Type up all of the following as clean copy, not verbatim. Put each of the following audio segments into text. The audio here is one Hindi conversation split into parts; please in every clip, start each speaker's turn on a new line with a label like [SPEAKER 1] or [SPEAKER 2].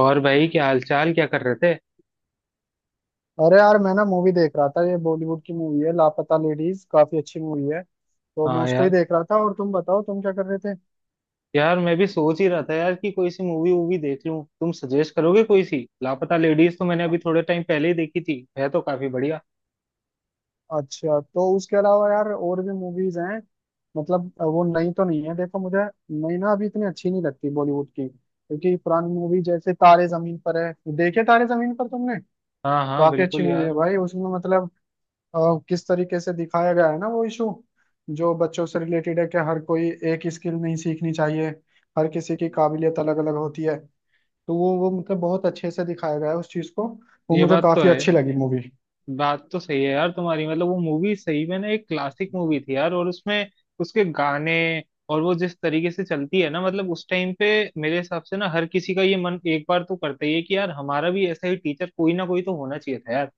[SPEAKER 1] और भाई क्या हालचाल, क्या कर रहे थे?
[SPEAKER 2] अरे यार, मैं ना मूवी देख रहा था। ये बॉलीवुड की मूवी है, लापता लेडीज। काफी अच्छी मूवी है। तो मैं
[SPEAKER 1] हाँ
[SPEAKER 2] उसको ही
[SPEAKER 1] यार।
[SPEAKER 2] देख रहा था। और तुम बताओ, तुम क्या कर रहे थे?
[SPEAKER 1] यार मैं भी सोच ही रहा था यार कि कोई सी मूवी वूवी देख लूं, तुम सजेस्ट करोगे कोई सी। लापता लेडीज तो मैंने अभी
[SPEAKER 2] अ-
[SPEAKER 1] थोड़े टाइम पहले ही देखी थी है, तो काफी बढ़िया।
[SPEAKER 2] अच्छा, तो उसके अलावा यार और भी मूवीज हैं? मतलब वो नई तो नहीं है, देखो मुझे। नई ना, अभी इतनी अच्छी नहीं लगती बॉलीवुड की, क्योंकि पुरानी मूवी जैसे तारे जमीन पर है। देखे तारे जमीन पर तुमने?
[SPEAKER 1] हाँ हाँ,
[SPEAKER 2] काफी अच्छी
[SPEAKER 1] बिल्कुल
[SPEAKER 2] मूवी है
[SPEAKER 1] यार।
[SPEAKER 2] भाई, उसमें मतलब अ, किस तरीके से दिखाया गया है ना वो इशू, जो बच्चों से रिलेटेड है, कि हर कोई एक स्किल नहीं सीखनी चाहिए। हर किसी की काबिलियत अलग अलग होती है। तो वो मतलब बहुत अच्छे से दिखाया गया है उस चीज को। वो
[SPEAKER 1] ये
[SPEAKER 2] मुझे
[SPEAKER 1] बात तो
[SPEAKER 2] काफी
[SPEAKER 1] है।
[SPEAKER 2] अच्छी लगी मूवी।
[SPEAKER 1] बात तो सही है यार तुम्हारी, मतलब वो मूवी सही में ना एक क्लासिक मूवी थी यार। और उसमें उसके गाने, और वो जिस तरीके से चलती है ना, मतलब उस टाइम पे मेरे हिसाब से ना हर किसी का ये मन एक बार तो करता ही है कि यार हमारा भी ऐसा ही टीचर कोई ना कोई तो होना चाहिए था यार।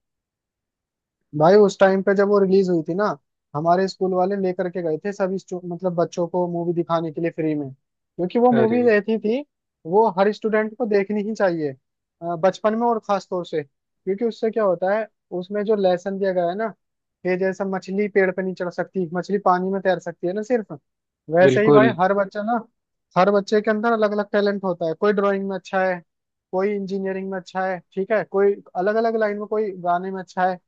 [SPEAKER 2] भाई उस टाइम पे जब वो रिलीज हुई थी ना, हमारे स्कूल वाले लेकर के गए थे सभी मतलब बच्चों को मूवी दिखाने के लिए फ्री में, क्योंकि वो
[SPEAKER 1] अरे,
[SPEAKER 2] मूवी रहती थी वो हर स्टूडेंट को देखनी ही चाहिए बचपन में। और खास तौर से क्योंकि उससे क्या होता है, उसमें जो लेसन दिया गया है ना, कि जैसे मछली पेड़ पे नहीं चढ़ सकती, मछली पानी में तैर सकती है ना सिर्फ। वैसे ही भाई
[SPEAKER 1] बिल्कुल।
[SPEAKER 2] हर बच्चा ना, हर बच्चे के अंदर अलग अलग टैलेंट होता है। कोई ड्राइंग में अच्छा है, कोई इंजीनियरिंग में अच्छा है, ठीक है, कोई अलग अलग लाइन में, कोई गाने में अच्छा है।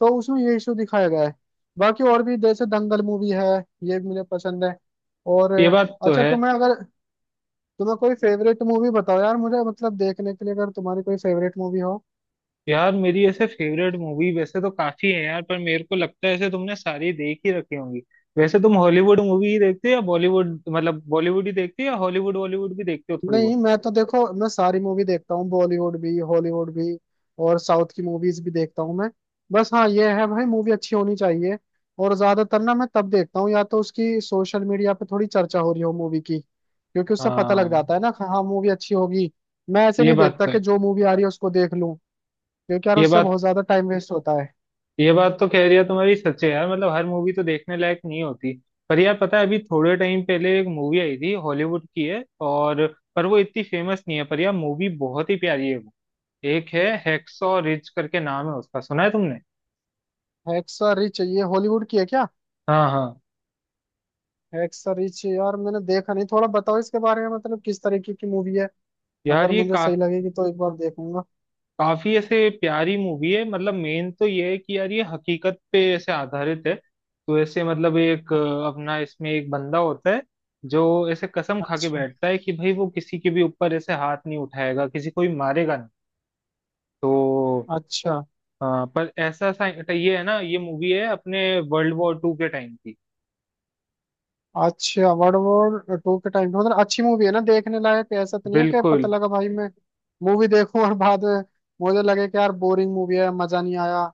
[SPEAKER 2] तो उसमें ये इशू दिखाया गया है। बाकी और भी जैसे दंगल मूवी है, ये भी मुझे पसंद है। और
[SPEAKER 1] ये बात तो
[SPEAKER 2] अच्छा
[SPEAKER 1] है।
[SPEAKER 2] तुम्हें अगर, तुम्हें कोई फेवरेट मूवी बताओ यार मुझे, मतलब देखने के लिए, अगर तुम्हारी कोई फेवरेट मूवी हो।
[SPEAKER 1] यार मेरी ऐसे फेवरेट मूवी वैसे तो काफी है यार, पर मेरे को लगता है ऐसे तुमने सारी देख ही रखी होंगी। वैसे तुम हॉलीवुड मूवी ही देखते हो या बॉलीवुड, मतलब बॉलीवुड ही देखते हो या हॉलीवुड बॉलीवुड भी देखते हो थोड़ी
[SPEAKER 2] नहीं,
[SPEAKER 1] बहुत?
[SPEAKER 2] मैं तो देखो मैं सारी मूवी देखता हूँ, बॉलीवुड भी हॉलीवुड भी। और साउथ की मूवीज भी देखता हूँ मैं। बस हाँ ये है भाई, मूवी अच्छी होनी चाहिए। और ज्यादातर ना मैं तब देखता हूँ या तो उसकी सोशल मीडिया पे थोड़ी चर्चा हो रही हो मूवी की, क्योंकि उससे पता लग
[SPEAKER 1] हाँ।
[SPEAKER 2] जाता है ना कि हाँ, मूवी अच्छी होगी। मैं ऐसे
[SPEAKER 1] ये
[SPEAKER 2] नहीं
[SPEAKER 1] बात
[SPEAKER 2] देखता
[SPEAKER 1] तो है।
[SPEAKER 2] कि जो मूवी आ रही है उसको देख लूँ, क्योंकि यार
[SPEAKER 1] ये
[SPEAKER 2] उससे
[SPEAKER 1] बात
[SPEAKER 2] बहुत ज्यादा टाइम वेस्ट होता है।
[SPEAKER 1] ये बात तो कह रही है तुम्हारी, सच है यार, मतलब हर मूवी तो देखने लायक नहीं होती। पर यार पता है, अभी थोड़े टाइम पहले एक मूवी आई थी, हॉलीवुड की है, और पर वो इतनी फेमस नहीं है, पर यार मूवी बहुत ही प्यारी है वो। एक है, हैक्सॉ रिज करके नाम है उसका, सुना है तुमने?
[SPEAKER 2] Hacksaw Ridge? ये हॉलीवुड की है क्या?
[SPEAKER 1] हाँ हाँ।
[SPEAKER 2] हेक्सा रिच यार मैंने देखा नहीं। थोड़ा बताओ इसके बारे में, मतलब किस तरीके की मूवी है? अगर
[SPEAKER 1] यार
[SPEAKER 2] मुझे सही लगेगी तो एक बार देखूंगा।
[SPEAKER 1] काफी ऐसे प्यारी मूवी है, मतलब मेन तो ये है कि यार ये हकीकत पे ऐसे आधारित है, तो ऐसे मतलब एक अपना इसमें एक बंदा होता है जो ऐसे कसम खा के
[SPEAKER 2] अच्छा।
[SPEAKER 1] बैठता है कि भाई वो किसी के भी ऊपर ऐसे हाथ नहीं उठाएगा, किसी को भी मारेगा नहीं। तो
[SPEAKER 2] अच्छा।
[SPEAKER 1] पर ऐसा सा ये है ना, ये मूवी है अपने वर्ल्ड वॉर II के टाइम की।
[SPEAKER 2] अच्छा, वर्ल्ड वॉर टू के टाइम पे, मतलब अच्छी मूवी है ना देखने लायक? ऐसा तो नहीं है कि
[SPEAKER 1] बिल्कुल।
[SPEAKER 2] पता लगा भाई मैं मूवी देखूं और बाद में मुझे लगे कि यार बोरिंग मूवी है, मजा नहीं आया।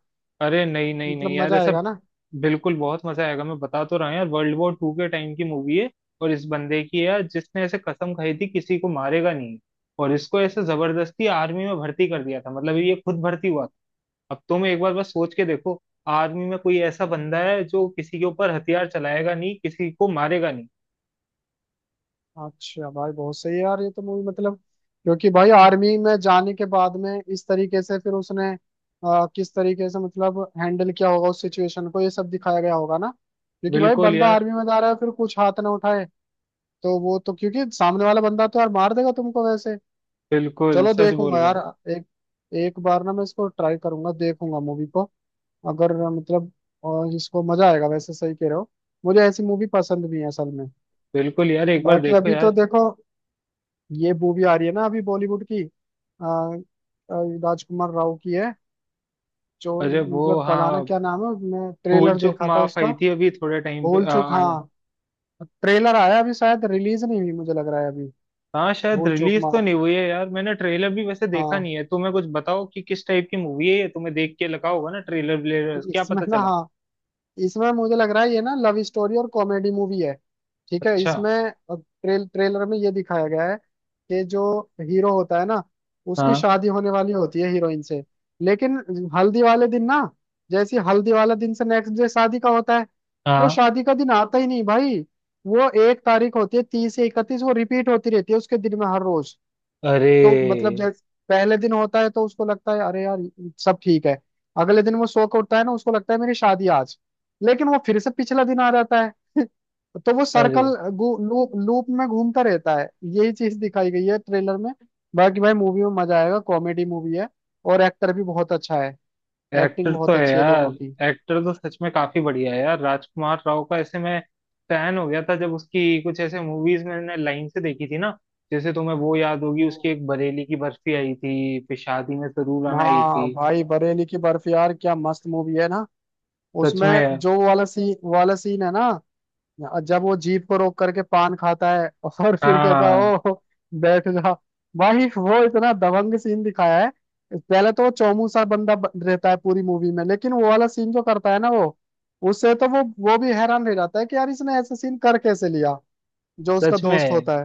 [SPEAKER 1] अरे नहीं नहीं नहीं
[SPEAKER 2] मतलब
[SPEAKER 1] यार,
[SPEAKER 2] मजा
[SPEAKER 1] ऐसा
[SPEAKER 2] आएगा ना?
[SPEAKER 1] बिल्कुल, बहुत मजा आएगा, मैं बता तो रहा हूँ यार। वर्ल्ड वॉर II के टाइम की मूवी है, और इस बंदे की है यार जिसने ऐसे कसम खाई थी किसी को मारेगा नहीं, और इसको ऐसे जबरदस्ती आर्मी में भर्ती कर दिया था, मतलब ये खुद भर्ती हुआ था। अब तुम एक बार बस सोच के देखो, आर्मी में कोई ऐसा बंदा है जो किसी के ऊपर हथियार चलाएगा नहीं, किसी को मारेगा नहीं।
[SPEAKER 2] अच्छा भाई बहुत सही है यार, ये तो मूवी मतलब, क्योंकि भाई आर्मी में जाने के बाद में इस तरीके से फिर उसने किस तरीके से मतलब हैंडल किया होगा उस सिचुएशन को, ये सब दिखाया गया होगा ना। क्योंकि भाई
[SPEAKER 1] बिल्कुल
[SPEAKER 2] बंदा
[SPEAKER 1] यार।
[SPEAKER 2] आर्मी में जा रहा है, फिर कुछ हाथ ना उठाए। तो वो तो, क्योंकि सामने वाला बंदा तो यार मार देगा तुमको वैसे।
[SPEAKER 1] बिल्कुल,
[SPEAKER 2] चलो
[SPEAKER 1] सच बोल
[SPEAKER 2] देखूंगा
[SPEAKER 1] रहे
[SPEAKER 2] यार।
[SPEAKER 1] हो।
[SPEAKER 2] एक एक बार ना मैं इसको ट्राई करूंगा, देखूंगा मूवी को। अगर मतलब, और इसको मजा आएगा वैसे। सही कह रहे हो, मुझे ऐसी मूवी पसंद भी है असल में।
[SPEAKER 1] बिल्कुल यार, एक बार
[SPEAKER 2] बाकी
[SPEAKER 1] देखो
[SPEAKER 2] अभी तो
[SPEAKER 1] यार।
[SPEAKER 2] देखो, ये मूवी आ रही है ना अभी बॉलीवुड की। आ, आ, राजकुमार राव की है जो,
[SPEAKER 1] अरे वो
[SPEAKER 2] मतलब कलाना
[SPEAKER 1] हाँ,
[SPEAKER 2] क्या नाम है, मैं
[SPEAKER 1] भूल
[SPEAKER 2] ट्रेलर
[SPEAKER 1] चूक
[SPEAKER 2] देखा था
[SPEAKER 1] माफ
[SPEAKER 2] उसका।
[SPEAKER 1] आई थी अभी थोड़े टाइम पे।
[SPEAKER 2] भूल चूक, हाँ। ट्रेलर आया अभी, शायद रिलीज नहीं हुई, मुझे लग रहा है अभी।
[SPEAKER 1] हाँ, शायद
[SPEAKER 2] भूल चूक
[SPEAKER 1] रिलीज तो
[SPEAKER 2] माफ,
[SPEAKER 1] नहीं हुई है यार, मैंने ट्रेलर भी वैसे देखा
[SPEAKER 2] हाँ।
[SPEAKER 1] नहीं है। तुम्हें कुछ बताओ कि किस टाइप की मूवी है ये, तुम्हें देख के लगा होगा ना ट्रेलर व्लेलर, क्या
[SPEAKER 2] इसमें
[SPEAKER 1] पता
[SPEAKER 2] ना,
[SPEAKER 1] चला?
[SPEAKER 2] हाँ, इसमें मुझे लग रहा है ये ना लव स्टोरी और कॉमेडी मूवी है। ठीक है,
[SPEAKER 1] अच्छा।
[SPEAKER 2] इसमें ट्रेलर में ये दिखाया गया है कि जो हीरो होता है ना, उसकी
[SPEAKER 1] हाँ
[SPEAKER 2] शादी होने वाली होती है हीरोइन से। लेकिन हल्दी वाले दिन ना, जैसे हल्दी वाला दिन से नेक्स्ट डे शादी का होता है, वो
[SPEAKER 1] हाँ।
[SPEAKER 2] शादी का दिन आता ही नहीं भाई। वो एक तारीख होती है 30 से 31, वो रिपीट होती रहती है उसके दिन में हर रोज। तो मतलब
[SPEAKER 1] अरे।
[SPEAKER 2] जैसे पहले दिन होता है तो उसको लगता है अरे यार, सब ठीक है। अगले दिन वो सो के उठता है ना, उसको लगता है मेरी शादी आज। लेकिन वो फिर से पिछला दिन आ जाता है। तो वो
[SPEAKER 1] अरे।
[SPEAKER 2] सर्कल लूप लूप में घूमता रहता है। यही चीज दिखाई गई है ट्रेलर में। बाकी भाई मूवी में मजा आएगा, कॉमेडी मूवी है। और एक्टर भी बहुत अच्छा है। एक्टिंग
[SPEAKER 1] एक्टर तो
[SPEAKER 2] बहुत
[SPEAKER 1] है
[SPEAKER 2] अच्छी है
[SPEAKER 1] यार।
[SPEAKER 2] दोनों की।
[SPEAKER 1] एक्टर तो सच में काफी बढ़िया है यार, राजकुमार राव का ऐसे मैं फैन हो गया था, जब उसकी कुछ ऐसे मूवीज मैंने लाइन से देखी थी ना, जैसे तुम्हें वो याद होगी, उसकी
[SPEAKER 2] हम्म।
[SPEAKER 1] एक बरेली की बर्फी आई थी, फिर शादी में जरूर आना आई
[SPEAKER 2] हाँ
[SPEAKER 1] थी।
[SPEAKER 2] भाई, बरेली की बर्फ यार क्या मस्त मूवी है ना।
[SPEAKER 1] सच
[SPEAKER 2] उसमें
[SPEAKER 1] में।
[SPEAKER 2] जो वाला सीन है ना। हाँ, और जब वो जीप को रोक करके पान खाता है और फिर कहता
[SPEAKER 1] हाँ।
[SPEAKER 2] है, ओ बैठ जा। भाई वो इतना दबंग सीन दिखाया है। पहले तो वो चौमू सा बंदा रहता है पूरी मूवी में, लेकिन वो वाला सीन जो करता है ना वो, उससे तो वो भी हैरान रह जाता है कि यार इसने ऐसा सीन कर कैसे लिया, जो उसका
[SPEAKER 1] सच
[SPEAKER 2] दोस्त
[SPEAKER 1] में,
[SPEAKER 2] होता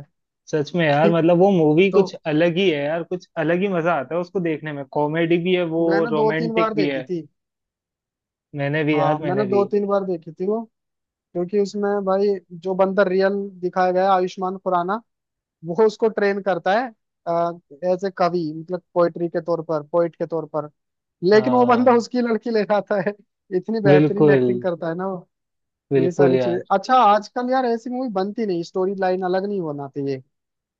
[SPEAKER 1] सच में यार,
[SPEAKER 2] है।
[SPEAKER 1] मतलब वो मूवी
[SPEAKER 2] तो
[SPEAKER 1] कुछ अलग ही है यार, कुछ अलग ही मजा आता है उसको देखने में, कॉमेडी भी है वो,
[SPEAKER 2] मैंने दो तीन
[SPEAKER 1] रोमांटिक
[SPEAKER 2] बार
[SPEAKER 1] भी
[SPEAKER 2] देखी
[SPEAKER 1] है।
[SPEAKER 2] थी।
[SPEAKER 1] मैंने भी यार,
[SPEAKER 2] हाँ मैंने
[SPEAKER 1] मैंने भी।
[SPEAKER 2] दो तीन बार देखी थी वो, क्योंकि उसमें भाई जो बंदा रियल दिखाया गया है, आयुष्मान खुराना, वो उसको ट्रेन करता है एज ए कवि, मतलब पोएट्री के तौर पर, पोइट के तौर पर। लेकिन वो बंदा
[SPEAKER 1] हाँ,
[SPEAKER 2] उसकी लड़की ले जाता है। इतनी बेहतरीन
[SPEAKER 1] बिल्कुल।
[SPEAKER 2] एक्टिंग करता है ना वो। ये
[SPEAKER 1] बिल्कुल
[SPEAKER 2] सारी
[SPEAKER 1] यार।
[SPEAKER 2] चीज, अच्छा आजकल यार ऐसी मूवी बनती नहीं, स्टोरी लाइन अलग नहीं होना चाहिए।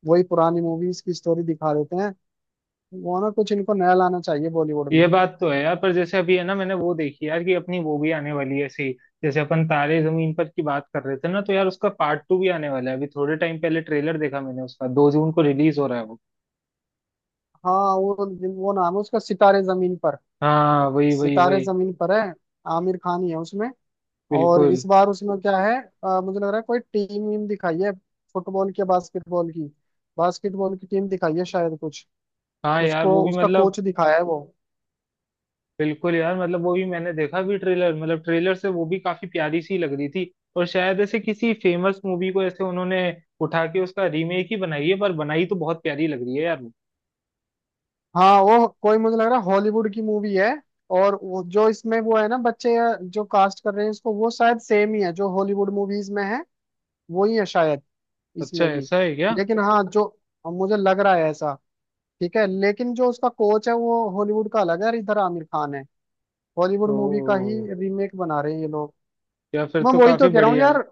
[SPEAKER 2] वही पुरानी मूवीज की स्टोरी दिखा देते हैं। वो ना कुछ इनको नया लाना चाहिए बॉलीवुड
[SPEAKER 1] ये
[SPEAKER 2] में।
[SPEAKER 1] बात तो है यार, पर जैसे अभी है ना, मैंने वो देखी यार कि अपनी वो भी आने वाली है ऐसी। जैसे अपन तारे जमीन पर की बात कर रहे थे ना, तो यार उसका पार्ट 2 भी आने वाला है। अभी थोड़े टाइम पहले ट्रेलर देखा मैंने उसका, 2 जून को रिलीज हो रहा है वो।
[SPEAKER 2] हाँ वो नाम है उसका सितारे जमीन पर।
[SPEAKER 1] हाँ वही वही
[SPEAKER 2] सितारे
[SPEAKER 1] वही।
[SPEAKER 2] जमीन पर है, आमिर खान ही है उसमें। और
[SPEAKER 1] बिल्कुल।
[SPEAKER 2] इस बार उसमें क्या है, मुझे लग रहा है कोई टीम वीम दिखाई है, फुटबॉल की या बास्केटबॉल की। बास्केटबॉल की टीम दिखाई है शायद कुछ।
[SPEAKER 1] हाँ यार
[SPEAKER 2] उसको
[SPEAKER 1] वो भी
[SPEAKER 2] उसका
[SPEAKER 1] मतलब,
[SPEAKER 2] कोच दिखाया है वो।
[SPEAKER 1] बिल्कुल यार, मतलब वो भी मैंने देखा भी ट्रेलर, मतलब ट्रेलर से वो भी काफी प्यारी सी लग रही थी, और शायद ऐसे किसी फेमस मूवी को ऐसे उन्होंने उठा के उसका रीमेक ही बनाई है, पर बनाई तो बहुत प्यारी लग रही है यार वो।
[SPEAKER 2] हाँ वो कोई, मुझे लग रहा है हॉलीवुड की मूवी है। और वो जो इसमें वो है ना बच्चे, जो कास्ट कर रहे हैं इसको, वो शायद सेम ही है जो हॉलीवुड मूवीज में है, वो ही है शायद
[SPEAKER 1] अच्छा,
[SPEAKER 2] इसमें भी।
[SPEAKER 1] ऐसा है क्या?
[SPEAKER 2] लेकिन हाँ जो, मुझे लग रहा है ऐसा। ठीक है, लेकिन जो उसका कोच है वो हॉलीवुड का अलग है, और इधर आमिर खान है। हॉलीवुड मूवी का ही
[SPEAKER 1] तो
[SPEAKER 2] रीमेक बना रहे हैं ये लोग।
[SPEAKER 1] या फिर
[SPEAKER 2] मैं
[SPEAKER 1] तो
[SPEAKER 2] वही तो
[SPEAKER 1] काफी
[SPEAKER 2] कह रहा हूँ
[SPEAKER 1] बढ़िया है।
[SPEAKER 2] यार।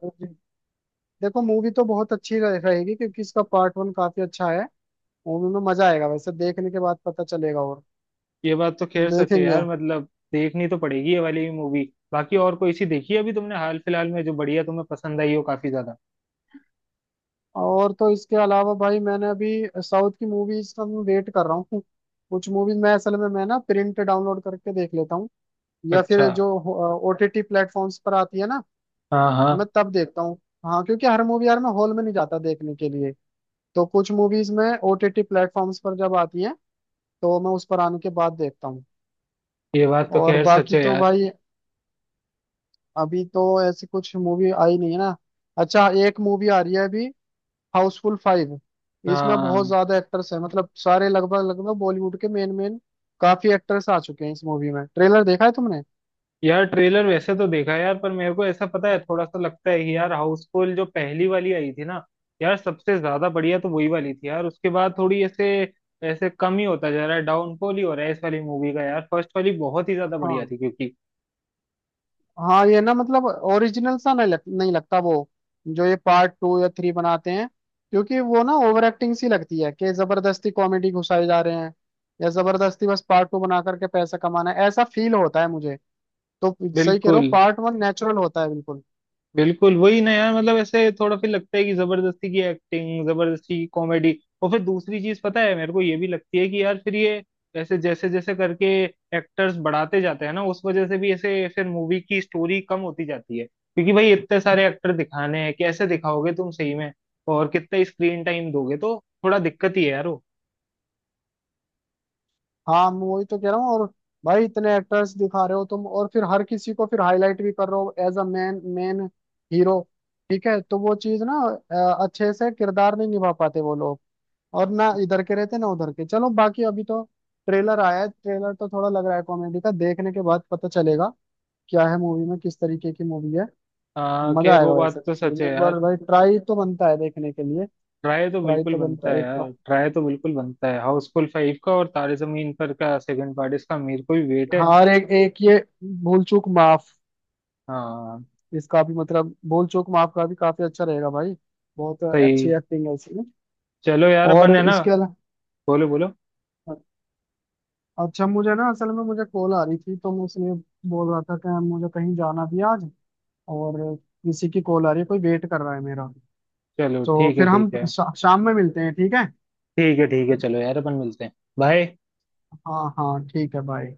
[SPEAKER 2] देखो मूवी तो बहुत अच्छी रहेगी, क्योंकि इसका पार्ट वन काफी अच्छा है। मूवी में मजा आएगा वैसे, देखने के बाद पता चलेगा। और
[SPEAKER 1] ये बात तो खैर सच है
[SPEAKER 2] देखेंगे।
[SPEAKER 1] यार, मतलब देखनी तो पड़ेगी ये वाली मूवी। बाकी और कोई सी देखी है अभी तुमने हाल फिलहाल में जो बढ़िया तुम्हें पसंद आई हो काफी ज्यादा?
[SPEAKER 2] और तो इसके अलावा भाई मैंने अभी, साउथ की मूवीज का मैं वेट कर रहा हूँ। कुछ मूवीज मैं असल में मैं ना प्रिंट डाउनलोड करके देख लेता हूँ, या
[SPEAKER 1] अच्छा।
[SPEAKER 2] फिर जो ओटीटी प्लेटफॉर्म्स पर आती है ना,
[SPEAKER 1] हाँ
[SPEAKER 2] मैं
[SPEAKER 1] हाँ।
[SPEAKER 2] तब देखता हूँ। हाँ, क्योंकि हर मूवी यार मैं हॉल में नहीं जाता देखने के लिए। तो कुछ मूवीज में ओटीटी प्लेटफॉर्म्स पर जब आती है तो मैं उस पर आने के बाद देखता हूँ।
[SPEAKER 1] ये बात तो
[SPEAKER 2] और
[SPEAKER 1] खैर सच
[SPEAKER 2] बाकी
[SPEAKER 1] है
[SPEAKER 2] तो
[SPEAKER 1] यार।
[SPEAKER 2] भाई अभी तो ऐसी कुछ मूवी आई नहीं है ना। अच्छा, एक मूवी आ रही है अभी, हाउसफुल फाइव। इसमें बहुत
[SPEAKER 1] हाँ
[SPEAKER 2] ज्यादा एक्टर्स हैं, मतलब सारे लगभग लगभग बॉलीवुड के मेन मेन, काफी एक्टर्स आ चुके हैं इस मूवी में। ट्रेलर देखा है तुमने?
[SPEAKER 1] यार, ट्रेलर वैसे तो देखा है यार, पर मेरे को ऐसा पता है, थोड़ा सा लगता है कि यार हाउसफुल जो पहली वाली आई थी ना, यार सबसे ज्यादा बढ़िया तो वही वाली थी यार, उसके बाद थोड़ी ऐसे ऐसे कम ही होता जा रहा है, डाउनफॉल ही हो रहा है इस वाली मूवी का यार। फर्स्ट वाली बहुत ही ज्यादा बढ़िया
[SPEAKER 2] हाँ,
[SPEAKER 1] थी, क्योंकि
[SPEAKER 2] हाँ ये ना मतलब ओरिजिनल सा नहीं नहीं लगता वो, जो ये पार्ट टू या थ्री बनाते हैं। क्योंकि वो ना ओवर एक्टिंग सी लगती है, कि जबरदस्ती कॉमेडी घुसाए जा रहे हैं, या जबरदस्ती बस पार्ट टू बना करके पैसा कमाना है, ऐसा फील होता है मुझे। तो सही कह रहे हो,
[SPEAKER 1] बिल्कुल,
[SPEAKER 2] पार्ट वन नेचुरल होता है बिल्कुल।
[SPEAKER 1] बिल्कुल वही ना यार, मतलब ऐसे थोड़ा फिर लगता है कि जबरदस्ती की एक्टिंग, जबरदस्ती की कॉमेडी। और फिर दूसरी चीज पता है मेरे को ये भी लगती है कि यार फिर ये ऐसे जैसे जैसे करके एक्टर्स बढ़ाते जाते हैं ना, उस वजह से भी ऐसे फिर मूवी की स्टोरी कम होती जाती है, क्योंकि भाई इतने सारे एक्टर दिखाने हैं, कैसे दिखाओगे तुम सही में? और कितना स्क्रीन टाइम दोगे? तो थोड़ा दिक्कत ही है यार वो।
[SPEAKER 2] हाँ मैं वही तो कह रहा हूँ। और भाई इतने एक्टर्स दिखा रहे हो तुम, और फिर हर किसी को फिर हाईलाइट भी कर रहे हो as a man main hero. ठीक है, तो वो चीज ना अच्छे से किरदार नहीं निभा पाते वो लोग। और ना इधर के रहते ना उधर के। चलो बाकी अभी तो ट्रेलर आया है, ट्रेलर तो थोड़ा लग रहा है कॉमेडी का, देखने के बाद पता चलेगा क्या है मूवी में, किस तरीके की मूवी है। मजा
[SPEAKER 1] खैर वो
[SPEAKER 2] आएगा
[SPEAKER 1] बात
[SPEAKER 2] वैसे
[SPEAKER 1] तो
[SPEAKER 2] फिर
[SPEAKER 1] सच है
[SPEAKER 2] भी एक
[SPEAKER 1] यार।
[SPEAKER 2] बार, भाई ट्राई तो बनता है देखने के लिए।
[SPEAKER 1] ट्राई तो
[SPEAKER 2] ट्राई
[SPEAKER 1] बिल्कुल
[SPEAKER 2] तो बनता
[SPEAKER 1] बनता है
[SPEAKER 2] है एक
[SPEAKER 1] यार,
[SPEAKER 2] बार।
[SPEAKER 1] ट्राई तो बिल्कुल बनता है। हाउसफुल 5 का, और तारे जमीन पर का सेकंड पार्ट, इसका मेरे को भी वेट है।
[SPEAKER 2] हाँ, और एक एक ये भूल चूक माफ,
[SPEAKER 1] हाँ,
[SPEAKER 2] इसका भी मतलब भूल चूक माफ का भी काफी अच्छा रहेगा भाई। बहुत अच्छी
[SPEAKER 1] सही।
[SPEAKER 2] एक्टिंग है इसमें।
[SPEAKER 1] चलो यार, अपन
[SPEAKER 2] और
[SPEAKER 1] है ना।
[SPEAKER 2] इसके अलावा,
[SPEAKER 1] बोलो बोलो।
[SPEAKER 2] अच्छा मुझे ना असल में मुझे कॉल आ रही थी, तो मैं इसलिए बोल रहा था कि मुझे कहीं जाना भी है आज, और किसी की कॉल आ रही है, कोई वेट कर रहा है मेरा।
[SPEAKER 1] चलो
[SPEAKER 2] तो
[SPEAKER 1] ठीक है
[SPEAKER 2] फिर हम
[SPEAKER 1] ठीक है।
[SPEAKER 2] शाम में मिलते हैं, ठीक है।
[SPEAKER 1] ठीक है ठीक है, चलो यार अपन मिलते हैं। बाय।
[SPEAKER 2] हाँ हाँ, ठीक है, बाय।